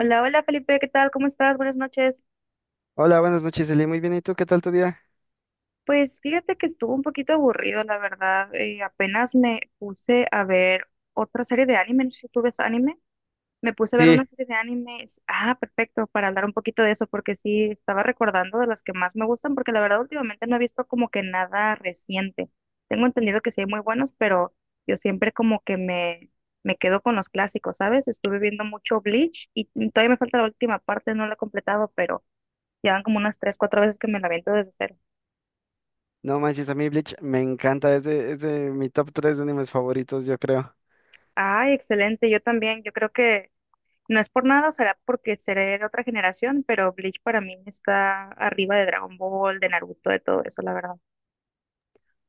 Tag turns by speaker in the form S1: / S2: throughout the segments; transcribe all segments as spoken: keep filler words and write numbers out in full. S1: Hola, hola Felipe, ¿qué tal? ¿Cómo estás? Buenas noches.
S2: Hola, buenas noches, Eli. Muy bien, ¿y tú? ¿Qué tal tu día?
S1: Pues fíjate que estuvo un poquito aburrido, la verdad. Eh, apenas me puse a ver otra serie de anime, no sé si tú ves anime. Me puse a ver una
S2: Sí,
S1: serie de animes. Ah, perfecto, para hablar un poquito de eso, porque sí, estaba recordando de las que más me gustan, porque la verdad últimamente no he visto como que nada reciente. Tengo entendido que sí hay muy buenos, pero yo siempre como que me, me quedo con los clásicos, ¿sabes? Estuve viendo mucho Bleach y todavía me falta la última parte, no la he completado, pero... Llevan como unas tres, cuatro veces que me la aviento desde cero.
S2: no manches, a mí Bleach me encanta. Es de, es de mi top tres de animes favoritos, yo creo.
S1: Ay, excelente. Yo también. Yo creo que no es por nada, será porque seré de otra generación, pero Bleach para mí está arriba de Dragon Ball, de Naruto, de todo eso, la verdad.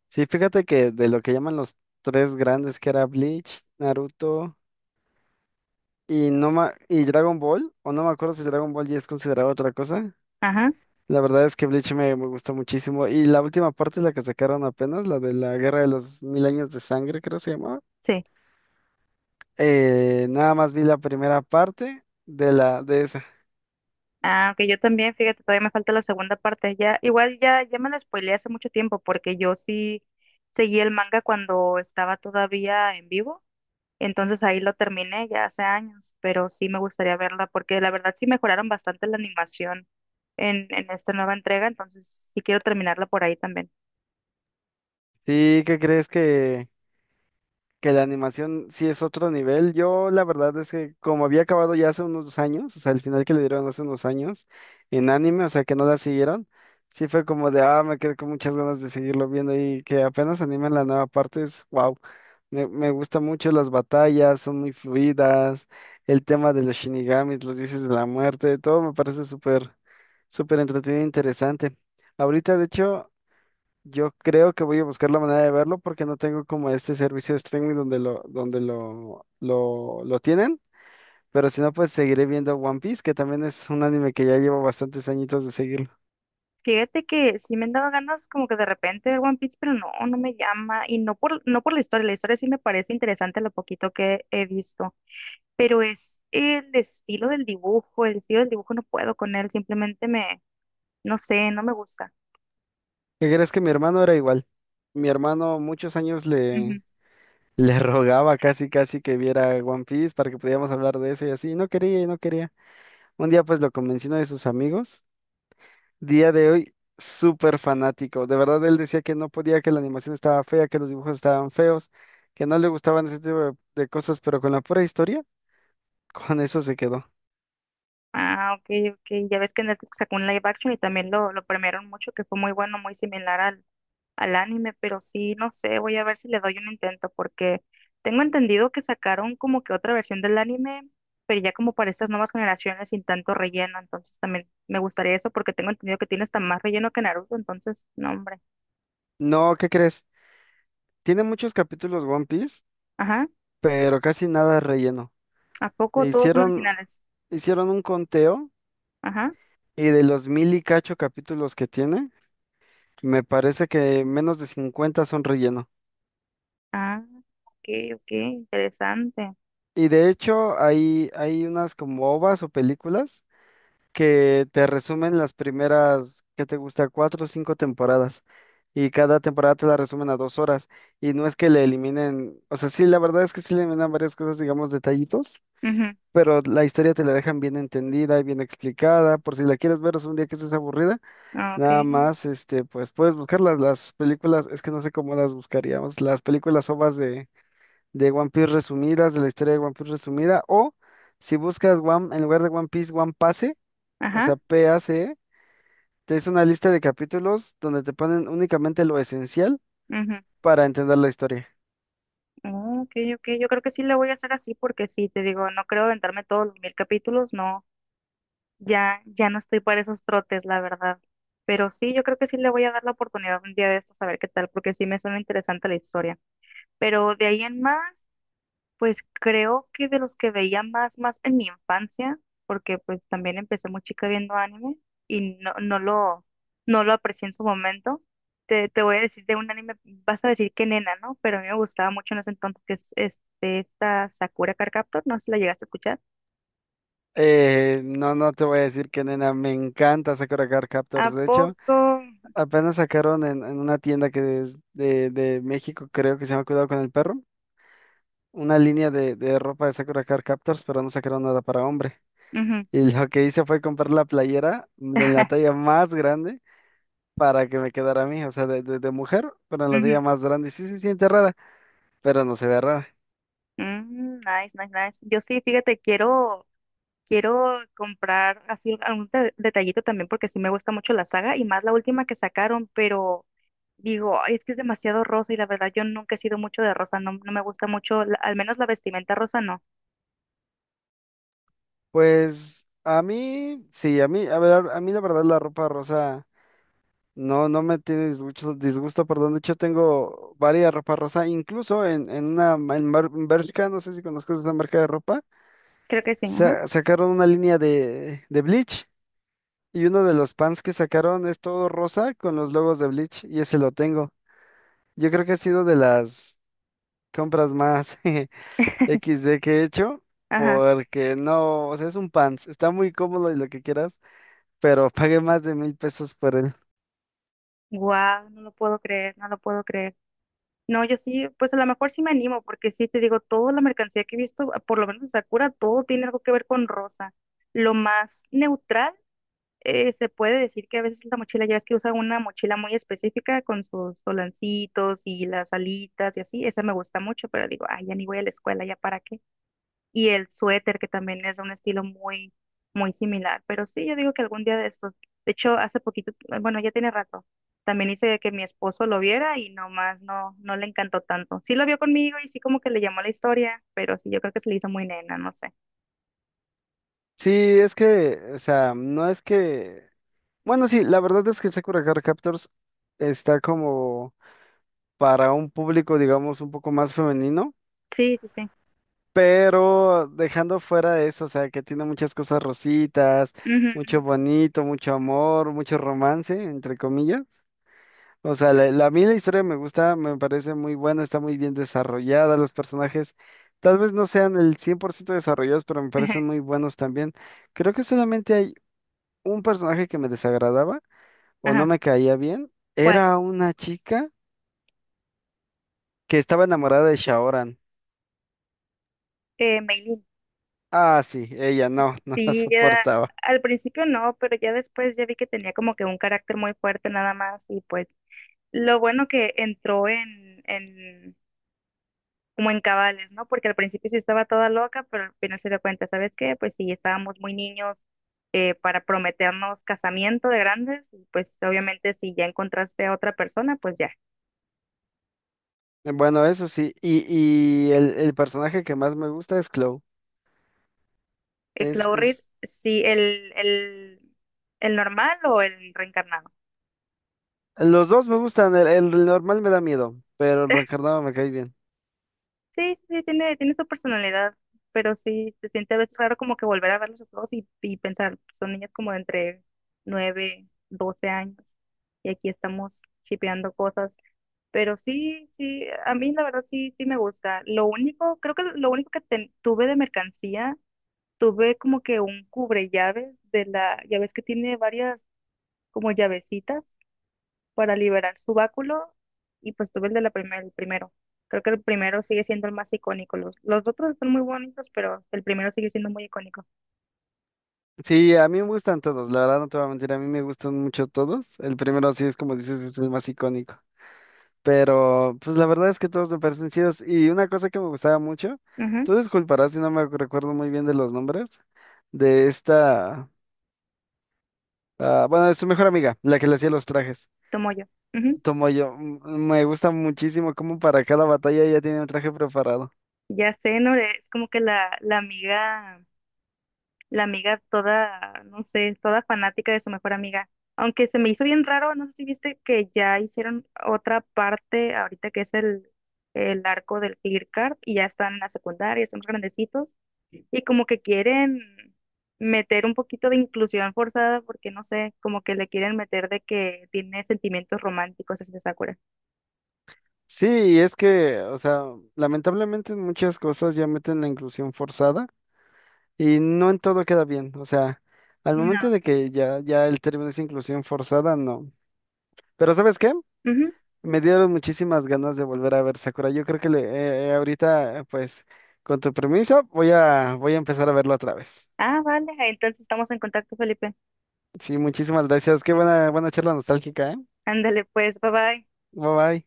S2: Sí, fíjate que de lo que llaman los tres grandes, que era Bleach, Naruto y, no ma- y Dragon Ball, o no me acuerdo si Dragon Ball ya es considerado otra cosa.
S1: Ajá,
S2: La verdad es que Bleach me, me gusta muchísimo. Y la última parte, la que sacaron apenas, la de la Guerra de los Mil Años de Sangre, creo se llamaba.
S1: sí.
S2: Eh, nada más vi la primera parte de la de esa.
S1: Ah, ok, yo también, fíjate, todavía me falta la segunda parte. Ya, igual ya, ya me la spoileé hace mucho tiempo porque yo sí seguí el manga cuando estaba todavía en vivo. Entonces ahí lo terminé ya hace años, pero sí me gustaría verla porque la verdad sí mejoraron bastante la animación en, en esta nueva entrega, entonces sí quiero terminarla por ahí también.
S2: Sí, ¿qué crees que...? Que la animación sí es otro nivel. Yo la verdad es que como había acabado ya hace unos años, o sea, el final que le dieron hace unos años en anime, o sea, que no la siguieron, sí fue como de, ah, me quedé con muchas ganas de seguirlo viendo y que apenas animen la nueva parte es, wow, me, me gusta mucho las batallas, son muy fluidas, el tema de los shinigamis, los dioses de la muerte, todo me parece súper, súper entretenido e interesante. Ahorita, de hecho... Yo creo que voy a buscar la manera de verlo porque no tengo como este servicio de streaming donde lo, donde lo, lo, lo tienen. Pero si no, pues seguiré viendo One Piece, que también es un anime que ya llevo bastantes añitos de seguirlo.
S1: Fíjate que sí me han dado ganas como que de repente ver One Piece, pero no, no me llama y no por, no por la historia, la historia sí me parece interesante lo poquito que he visto, pero es el estilo del dibujo, el estilo del dibujo no puedo con él, simplemente me, no sé, no me gusta.
S2: ¿Qué crees que mi hermano era igual? Mi hermano muchos años le, le rogaba casi casi que viera One Piece para que pudiéramos hablar de eso y así. Y no quería y no quería. Un día pues lo convenció uno de sus amigos. Día de hoy, súper fanático. De verdad, él decía que no podía, que la animación estaba fea, que los dibujos estaban feos, que no le gustaban ese tipo de, de cosas, pero con la pura historia, con eso se quedó.
S1: Ah, ok, ok. Ya ves que Netflix sacó un live action y también lo, lo premiaron mucho, que fue muy bueno, muy similar al, al anime, pero sí, no sé, voy a ver si le doy un intento, porque tengo entendido que sacaron como que otra versión del anime, pero ya como para estas nuevas generaciones sin tanto relleno, entonces también me gustaría eso, porque tengo entendido que tiene hasta más relleno que Naruto, entonces, no, hombre.
S2: No, ¿qué crees? Tiene muchos capítulos One Piece,
S1: Ajá,
S2: pero casi nada relleno.
S1: ¿a poco
S2: E
S1: todos son
S2: Hicieron,
S1: originales?
S2: hicieron un conteo
S1: Ajá,
S2: y de los mil y cacho capítulos que tiene, me parece que menos de cincuenta son relleno.
S1: ah, ok, ok, interesante.
S2: Y de hecho, hay, hay unas como ovas o películas que te resumen las primeras, ¿qué te gusta? Cuatro o cinco temporadas. Y cada temporada te la resumen a dos horas. Y no es que le eliminen, o sea, sí, la verdad es que sí le eliminan varias cosas, digamos, detallitos,
S1: Ajá,
S2: pero la historia te la dejan bien entendida y bien explicada. Por si la quieres ver, es un día que estés aburrida,
S1: ok,
S2: nada más, este, pues puedes buscarlas, las películas, es que no sé cómo las buscaríamos, las películas OVAs de, de One Piece resumidas, de la historia de One Piece resumida, o si buscas One, en lugar de One Piece, One Pase, o
S1: ajá,
S2: sea, P A P A C E que es una lista de capítulos donde te ponen únicamente lo esencial
S1: ujú.
S2: para entender la historia.
S1: Oh, ok, ok, yo creo que sí le voy a hacer así porque sí, te digo, no creo aventarme todos los mil capítulos, no, ya, ya no estoy para esos trotes, la verdad. Pero sí, yo creo que sí le voy a dar la oportunidad un día de estos a ver qué tal, porque sí me suena interesante la historia. Pero de ahí en más, pues creo que de los que veía más, más en mi infancia, porque pues también empecé muy chica viendo anime y no, no lo, no lo aprecié en su momento. Te, te voy a decir de un anime, vas a decir que nena, ¿no? Pero a mí me gustaba mucho en ese entonces, que es este, esta Sakura Card Captor, no sé si la llegaste a escuchar.
S2: Eh, no, no te voy a decir que nena, me encanta Sakura Card
S1: ¿A
S2: Captors. De hecho,
S1: poco?
S2: apenas sacaron en, en una tienda que es de, de México, creo que se llama Cuidado con el Perro, una línea de, de ropa de Sakura Card Captors, pero no sacaron nada para hombre.
S1: Ujú.
S2: Y lo que hice fue comprar la playera de la talla más grande para que me quedara a mí, o sea, de, de, de mujer, pero en la talla
S1: Ujú.
S2: más grande. Sí se siente rara, pero no se ve rara.
S1: Mm, nice, nice, nice. Yo sí, fíjate, quiero Quiero comprar así algún de- detallito también porque sí me gusta mucho la saga y más la última que sacaron, pero digo, "Ay, es que es demasiado rosa y la verdad yo nunca he sido mucho de rosa, no, no me gusta mucho, la- al menos la vestimenta rosa no".
S2: Pues a mí, sí, a mí, a ver, a mí la verdad la ropa rosa no, no me tiene disgusto, disgusto, perdón, de hecho tengo varias ropa rosa, incluso en, en una, en, Mar- en Bershka, no sé si conozcas esa marca de ropa,
S1: Creo que sí, ajá.
S2: sa- sacaron una línea de, de Bleach y uno de los pants que sacaron es todo rosa con los logos de Bleach y ese lo tengo. Yo creo que ha sido de las compras más equis de que he hecho
S1: Ajá.
S2: porque no, o sea, es un pants, está muy cómodo y lo que quieras, pero pagué más de mil pesos por él.
S1: Wow, no lo puedo creer, no lo puedo creer. No, yo sí, pues a lo mejor sí me animo, porque sí te digo, toda la mercancía que he visto, por lo menos en Sakura, todo tiene algo que ver con rosa. Lo más neutral, eh, se puede decir, que a veces la mochila, ya ves que usa una mochila muy específica con sus solancitos y las alitas y así, esa me gusta mucho, pero digo, ay, ya ni voy a la escuela, ya para qué. Y el suéter, que también es de un estilo muy, muy similar, pero sí, yo digo que algún día de estos, de hecho, hace poquito, bueno, ya tiene rato, también hice que mi esposo lo viera y nomás no, no le encantó tanto. Sí lo vio conmigo y sí como que le llamó la historia, pero sí, yo creo que se le hizo muy nena, no sé.
S2: Sí, es que, o sea, no es que... Bueno, sí, la verdad es que Sakura Card Captors está como para un público, digamos, un poco más femenino,
S1: Sí, sí, sí.
S2: pero dejando fuera eso, o sea, que tiene muchas cosas rositas,
S1: Ujú,
S2: mucho bonito, mucho amor, mucho romance, entre comillas. O sea, la, la- a mí la historia me gusta, me parece muy buena, está muy bien desarrollada, los personajes tal vez no sean el cien por ciento desarrollados, pero me
S1: ujú.
S2: parecen muy buenos también. Creo que solamente hay un personaje que me desagradaba o no
S1: Ajá.
S2: me caía bien,
S1: ¿Cuál?
S2: era una chica que estaba enamorada de Shaoran.
S1: Eh, Maylin.
S2: Ah, sí, ella no, no la
S1: Sí, eh,
S2: soportaba.
S1: al principio no, pero ya después ya vi que tenía como que un carácter muy fuerte nada más y pues lo bueno que entró en, en como en cabales, ¿no? Porque al principio sí estaba toda loca, pero al final se dio cuenta, ¿sabes qué? Pues sí, estábamos muy niños, eh, para prometernos casamiento de grandes y pues obviamente si ya encontraste a otra persona, pues ya.
S2: Bueno, eso sí, y, y, el, el personaje que más me gusta es Chloe.
S1: El
S2: Es,
S1: Claw Reed
S2: es,
S1: sí, el, el, el normal o el reencarnado.
S2: los dos me gustan, el, el normal me da miedo, pero el reencarnado me cae bien.
S1: Sí, sí, tiene, tiene su personalidad, pero sí, se siente a veces raro como que volver a verlos a todos y, y pensar, son niños como de entre nueve doce años y aquí estamos chipeando cosas, pero sí, sí, a mí la verdad sí, sí me gusta. Lo único, creo que lo único que ten- tuve de mercancía, tuve como que un cubre llaves de la, ya ves que tiene varias como llavecitas para liberar su báculo y pues tuve el de la primera, el primero. Creo que el primero sigue siendo el más icónico. Los, los otros están muy bonitos, pero el primero sigue siendo muy icónico.
S2: Sí, a mí me gustan todos, la verdad no te voy a mentir, a mí me gustan mucho todos. El primero sí es como dices, es el más icónico. Pero pues la verdad es que todos me parecen chidos. Y una cosa que me gustaba mucho,
S1: Ujú,
S2: tú disculparás si no me recuerdo muy bien de los nombres, de esta, ah, bueno, de su mejor amiga, la que le hacía los trajes.
S1: tomo yo. Ujú.
S2: Tomoyo, m- me gusta muchísimo cómo para cada batalla ella tiene un traje preparado.
S1: Ya sé, Nore, es como que la, la amiga, la amiga toda, no sé, toda fanática de su mejor amiga. Aunque se me hizo bien raro, no sé si viste que ya hicieron otra parte ahorita que es el, el arco del Tigre Carp y ya están en la secundaria, están más grandecitos y como que quieren meter un poquito de inclusión forzada porque no sé, como que le quieren meter de que tiene sentimientos románticos hacia Sakura.
S2: Sí, y es que, o sea, lamentablemente en muchas cosas ya meten la inclusión forzada. Y no en todo queda bien, o sea, al
S1: No.
S2: momento de que ya, ya el término es inclusión forzada, no. Pero ¿sabes qué?
S1: Ujú.
S2: Me dieron muchísimas ganas de volver a ver Sakura. Yo creo que le, eh, eh, ahorita, eh, pues, con tu permiso, voy a, voy a empezar a verlo otra vez.
S1: Ah, vale, entonces estamos en contacto, Felipe.
S2: Sí, muchísimas gracias. Qué buena, buena charla nostálgica, ¿eh?
S1: Ándale, pues, bye bye.
S2: Bye bye.